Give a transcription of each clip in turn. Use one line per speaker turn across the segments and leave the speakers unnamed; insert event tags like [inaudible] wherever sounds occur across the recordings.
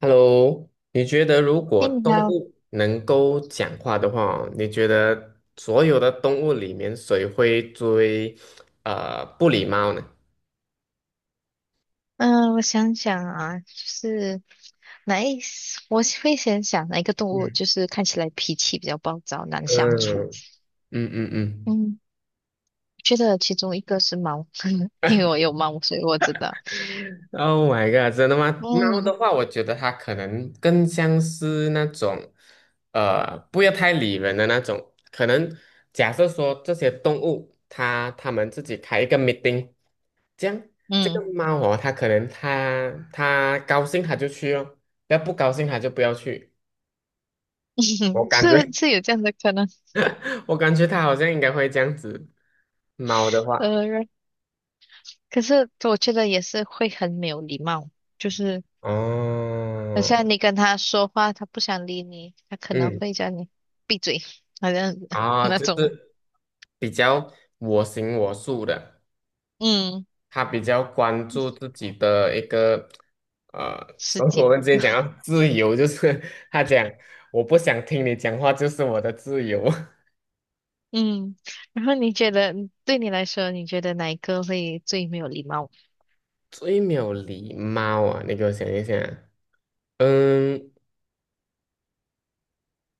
Hello，你觉得如果
哎，你
动
好，
物能够讲话的话，你觉得所有的动物里面谁会最不礼貌呢？
嗯、我想想啊，就是哪一，我会先想哪一个动物，
嗯，
就是看起来脾气比较暴躁，难相处。
嗯嗯嗯嗯
嗯，觉得其中一个是猫，[laughs] 因为我有猫，所以我知道。
，Oh my god，真的吗？猫的
嗯
话，我觉得它可能更像是那种不要太理人的那种。可能假设说这些动物，它们自己开一个 meeting。这样这个
嗯，
猫哦，它可能它高兴它就去哦，要不高兴它就不要去。我
[laughs]
感觉
是是有这样的可能。
[laughs] 我感觉它好像应该会这样子。猫的话，
呃，可是我觉得也是会很没有礼貌，就是
哦，
像你跟他说话，他不想理你，他可能
嗯，
会叫你闭嘴，好像 [laughs]
啊，
那
就
种，
是比较我行我素的，
嗯，
它比较关注自己的一个呃，
世
所以我
界。
们之前讲到自由，就是它讲我不想听你讲话，就是我的自由。[laughs]
嗯，然后你觉得对你来说，你觉得哪一个会最没有礼貌？
最没有礼貌啊！你给我想一想，嗯，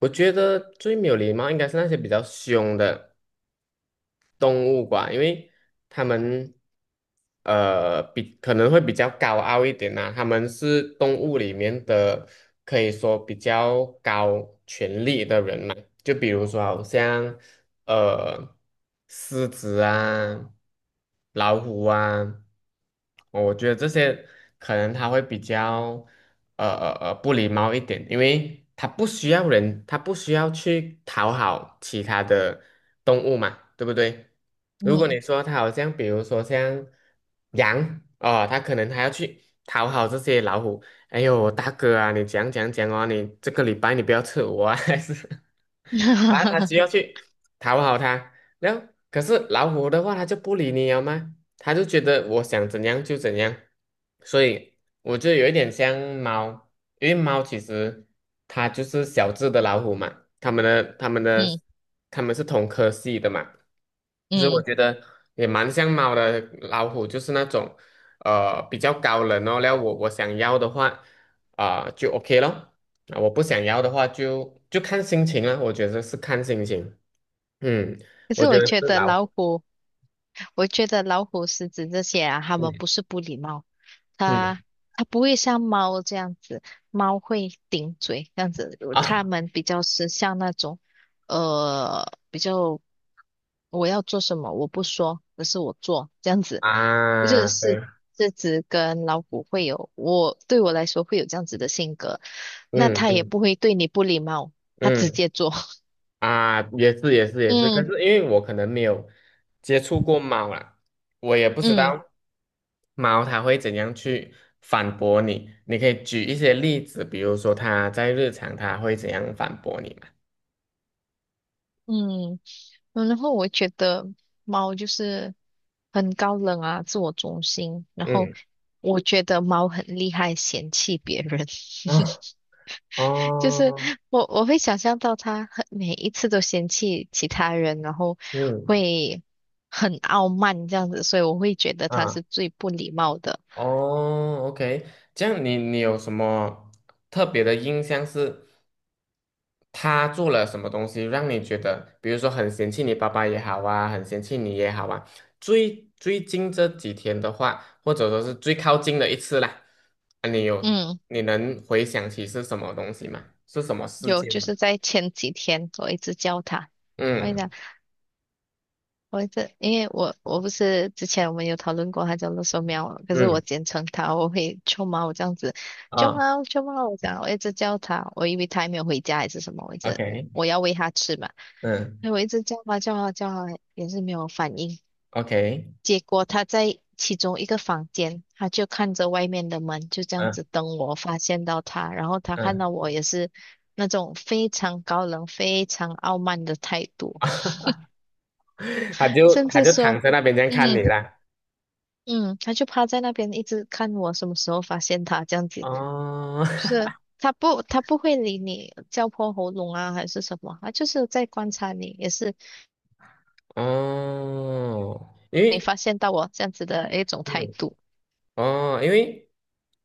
我觉得最没有礼貌应该是那些比较凶的动物吧，因为他们比可能会比较高傲一点呐、他们是动物里面的可以说比较高权力的人嘛，就比如说好像呃狮子啊、老虎啊。我觉得这些可能他会比较不礼貌一点，因为他不需要人，他不需要去讨好其他的动物嘛，对不对？如果
嗯
你说他好像比如说像羊哦，他可能还要去讨好这些老虎，哎呦大哥啊，你讲讲讲啊，你这个礼拜你不要吃我啊，[laughs] 还是。啊，他
[laughs]
需要去讨好他，然后，可是老虎的话，他就不理你了吗？他就觉得我想怎样就怎样。所以我觉得有一点像猫，因为猫其实它就是小只的老虎嘛，它们的
嗯
它们是同科系的嘛。就是我
嗯，
觉得也蛮像猫的，老虎就是那种比较高冷哦。然后我想要的话啊、就 OK 咯，啊我不想要的话就看心情了，我觉得是看心情。嗯，
可
我
是
觉
我
得
觉
是
得
老
老
虎。
虎，我觉得老虎、狮子这些啊，它们
嗯
不是不礼貌，
嗯
它它不会像猫这样子，猫会顶嘴这样子，它
啊
们比较是像那种比较我要做什么，我不说，而是我做，这样
[laughs]
子，这
啊
是
对，
这只跟老虎会有，对我来说会有这样子的性格，那
嗯
它也
嗯
不会对你不礼貌，它直
嗯。
接做，[laughs]
啊，也是也是也是，可是
嗯
因为我可能没有接触过猫啦，我也不知
嗯
道猫它会怎样去反驳你。你可以举一些例子，比如说它在日常它会怎样反驳你嘛？
嗯，然后我觉得猫就是很高冷啊，自我中心，然后
嗯
我觉得猫很厉害，嫌弃别人，[laughs]
啊
就是
哦
我会想象到他很每一次都嫌弃其他人，然后
嗯
会很傲慢这样子，所以我会觉得他
啊
是最不礼貌的。
哦，OK，这样你你有什么特别的印象是他做了什么东西让你觉得，比如说很嫌弃你爸爸也好啊，很嫌弃你也好啊，最最近这几天的话，或者说是最靠近的一次啦，啊，你有
嗯，
你能回想起是什么东西吗？是什么事
有
件
就
吗？
是在前几天我一直教他，我跟你
嗯
讲。因为我不是之前我们有讨论过它叫乐寿喵嘛可是我
嗯
简称它，我会臭猫我这样子，臭
啊
猫臭猫，我讲我一直叫它，我以为它还没有回家还是什么，我一直
，OK，
我要喂它吃嘛，
嗯
那我一直叫它叫它叫它也是没有反应，
，OK，
结果它在其中一个房间，它就看着外面的门，就这样
嗯
子等我发现到它，然后它看
嗯，
到我也是那种非常高冷、非常傲慢的态度，
[laughs] 他就
甚
他
至
就躺
说。
在那边这样看
嗯，
你啦。
嗯，他就趴在那边一直看我什么时候发现他这样子，
哦
就是他不会理你叫破喉咙啊还是什么，他就是在观察你，也是
[laughs] 哦，因
没
为
发现到我这样子的一种态
嗯
度。
哦，因为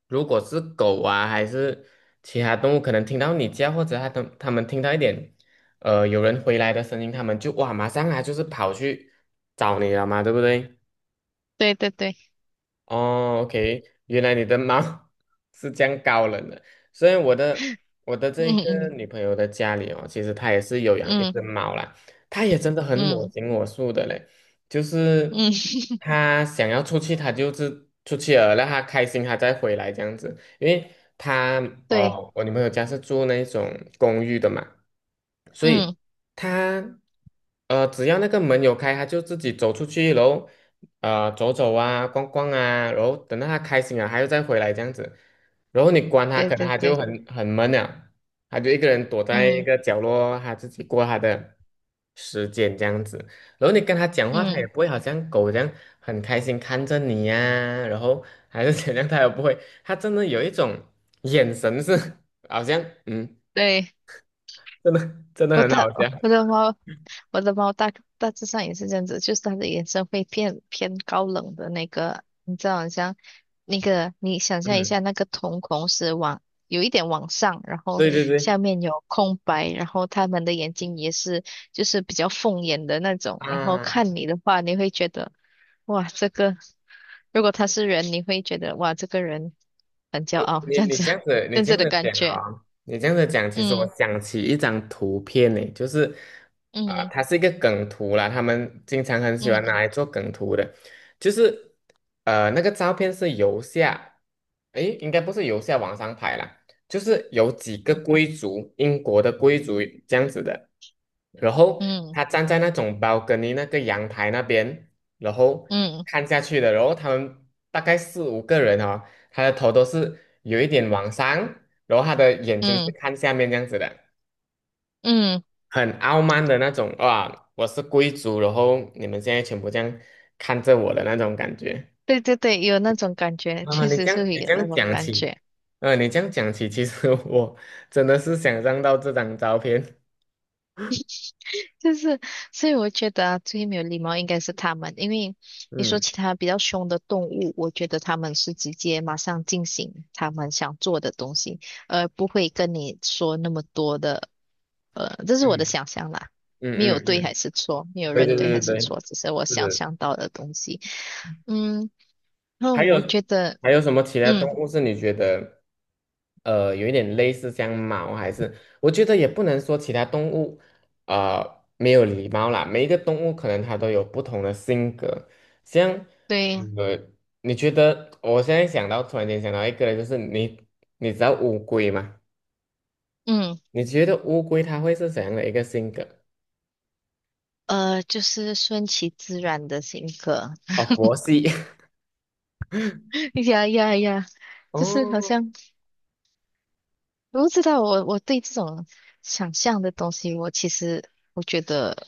如果是狗啊，还是其他动物，可能听到你叫，或者它们听到一点，有人回来的声音，它们就哇，马上啊，就是跑去找你了嘛，对不对？
对对对，
哦，OK，原来你的猫 [laughs] 是这样高冷的，所以我的这
嗯
个
嗯
女朋友的家里哦，其实她也是有养一
嗯
只猫啦，她也真的很我
嗯
行我素的嘞，就是
嗯，[laughs]
她想要出去，她就是出去了，让她开心，她再回来这样子，因为她
对，
哦，我女朋友家是住那种公寓的嘛，所以
嗯
她只要那个门有开，她就自己走出去喽。然后走走啊、逛逛啊，然后等到他开心了，他又再回来这样子。然后你关他，
对
可能
对
他就
对，
很闷了，他就一个人躲在一
嗯
个角落，他自己过他的时间这样子。然后你跟他讲话，他也
嗯
不会好像狗这样很开心看着你呀、然后还是怎样，他也不会，他真的有一种眼神是 [laughs] 好像嗯，
对。
真的真
[laughs]
的很好笑，
我的猫，我的猫大大致上也是这样子，就是它的眼神会偏偏高冷的那个，你知道，好像那个，你想象一下，
嗯，
那个瞳孔是有一点往上，然后
对对对
下面有空白，然后它们的眼睛也是就是比较凤眼的那种，然后
啊。
看你的话，你会觉得哇，这个如果他是人，你会觉得哇，这个人很骄傲，
你
这样
你
子
这样子，
[laughs]，
你
这样
这
子
样
的
子
感
讲
觉，
啊、你这样子讲，其实我
嗯
想起一张图片呢，就是啊、
嗯
它是一个梗图啦，他们经常很喜欢拿
嗯
来做梗图的，就是那个照片是由下，诶，应该不是由下往上拍啦，就是有几个
嗯
贵族，英国的贵族这样子的，然后
嗯。
他站在那种 balcony 那个阳台那边，然后
嗯
看下去的，然后他们大概四五个人啊他的头都是有一点往上，然后他的眼睛是
嗯
看下面这样子的，
嗯，
很傲慢的那种，哇，我是贵族，然后你们现在全部这样看着我的那种感觉。
对对对，有那种感
[laughs]
觉，
啊，
确
你
实
这样
是会
你
有
这
那
样
种
讲
感
起，
觉。
你这样讲起，其实 [laughs] 我真的是想象到这张照片，
就是，所以我觉得啊最没有礼貌应该是他们，因为你说
嗯
其他比较凶的动物，我觉得他们是直接马上进行他们想做的东西，而不会跟你说那么多的。这是我的
嗯
想象啦，
嗯
没有
嗯
对
嗯，
还是错，没
[laughs]
有
对
人
对
对
对
还是
对
错，只是我
对，
想
是。
象到的东西。嗯，那
还有
我觉得，
还有什么其他
嗯，
动物是你觉得有一点类似像猫？还是我觉得也不能说其他动物没有礼貌啦，每一个动物可能它都有不同的性格。像
对。
呃，你觉得我现在想到突然间想到一个，就是你你知道乌龟吗？
嗯。
你觉得乌龟它会是怎样的一个性格？
就是顺其自然的性格。
哦，佛系。[laughs]
[laughs] 呀呀呀，就是好
哦，
像我不知道我对这种想象的东西，我其实我觉得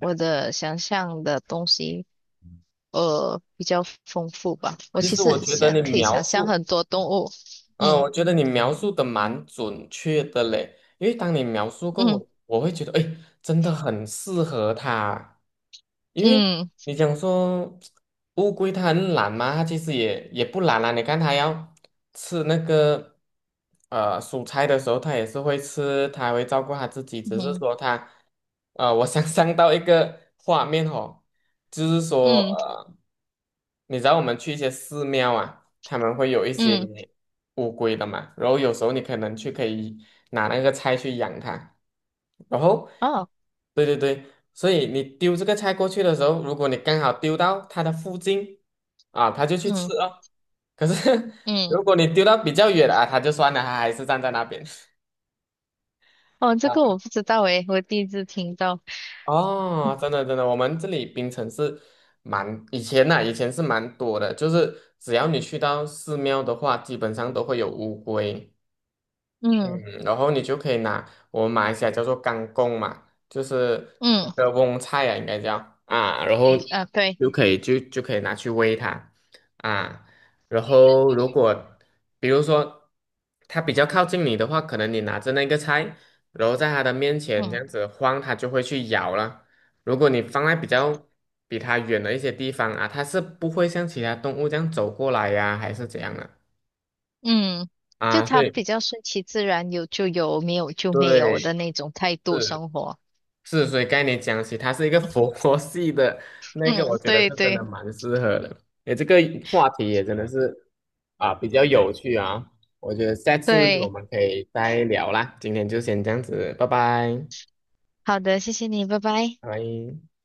我的想象的东西比较丰富吧。我
其
其
实我
实
觉得
想
你
可以
描
想象
述
很多动物，
嗯，
嗯
我觉得你描述的蛮准确的嘞，因为当你描述过
嗯
我，我会觉得，哎，真的很适合他，因为
嗯
你讲说乌龟它很懒嘛，它其实也不懒啦。你看它要吃那个蔬菜的时候，它也是会吃，它会照顾它自己。只是
嗯
说它，我想象到一个画面哦，就是说
嗯
你知道我们去一些寺庙啊，他们会有一些。
嗯
乌龟的嘛，然后有时候你可能去可以拿那个菜去养它，然后，
哦
对对对，所以你丢这个菜过去的时候，如果你刚好丢到它的附近，啊，它就去吃
嗯
哦。可是 [laughs]
嗯
如果你丢到比较远啊，它就算了，它还是站在那边。
哦，这
啊，
个我不知道诶，我第一次听到。
哦，真的真的，我们这里槟城是蛮以前呐、以前是蛮多的，就是只要你去到寺庙的话，基本上都会有乌龟。嗯，
嗯
然后你就可以拿我们马来西亚叫做干贡嘛，就是那
嗯
个翁菜啊，应该叫啊，然后
啊对。
就可以拿去喂它啊，然后如果比如说它比较靠近你的话，可能你拿着那个菜，然后在它的面前这
嗯。
样子晃，它就会去咬了。如果你放在比较比它远的一些地方啊，它是不会像其他动物这样走过来呀、还是怎样的
嗯，就
啊，所
他
以
比较顺其自然，有就有，没有就没有的
对。
那种态度
是。
生活。
是，所以概念讲起，它是一个佛 [laughs] 系的那个，
嗯，
我觉得是
对
真
对
的蛮适合的。诶，这个话题也真的是啊，比较有趣啊。我觉得下次我
对，
们可以再聊啦。今天就先这样子，拜拜，
好的，谢谢你，拜拜。
拜拜。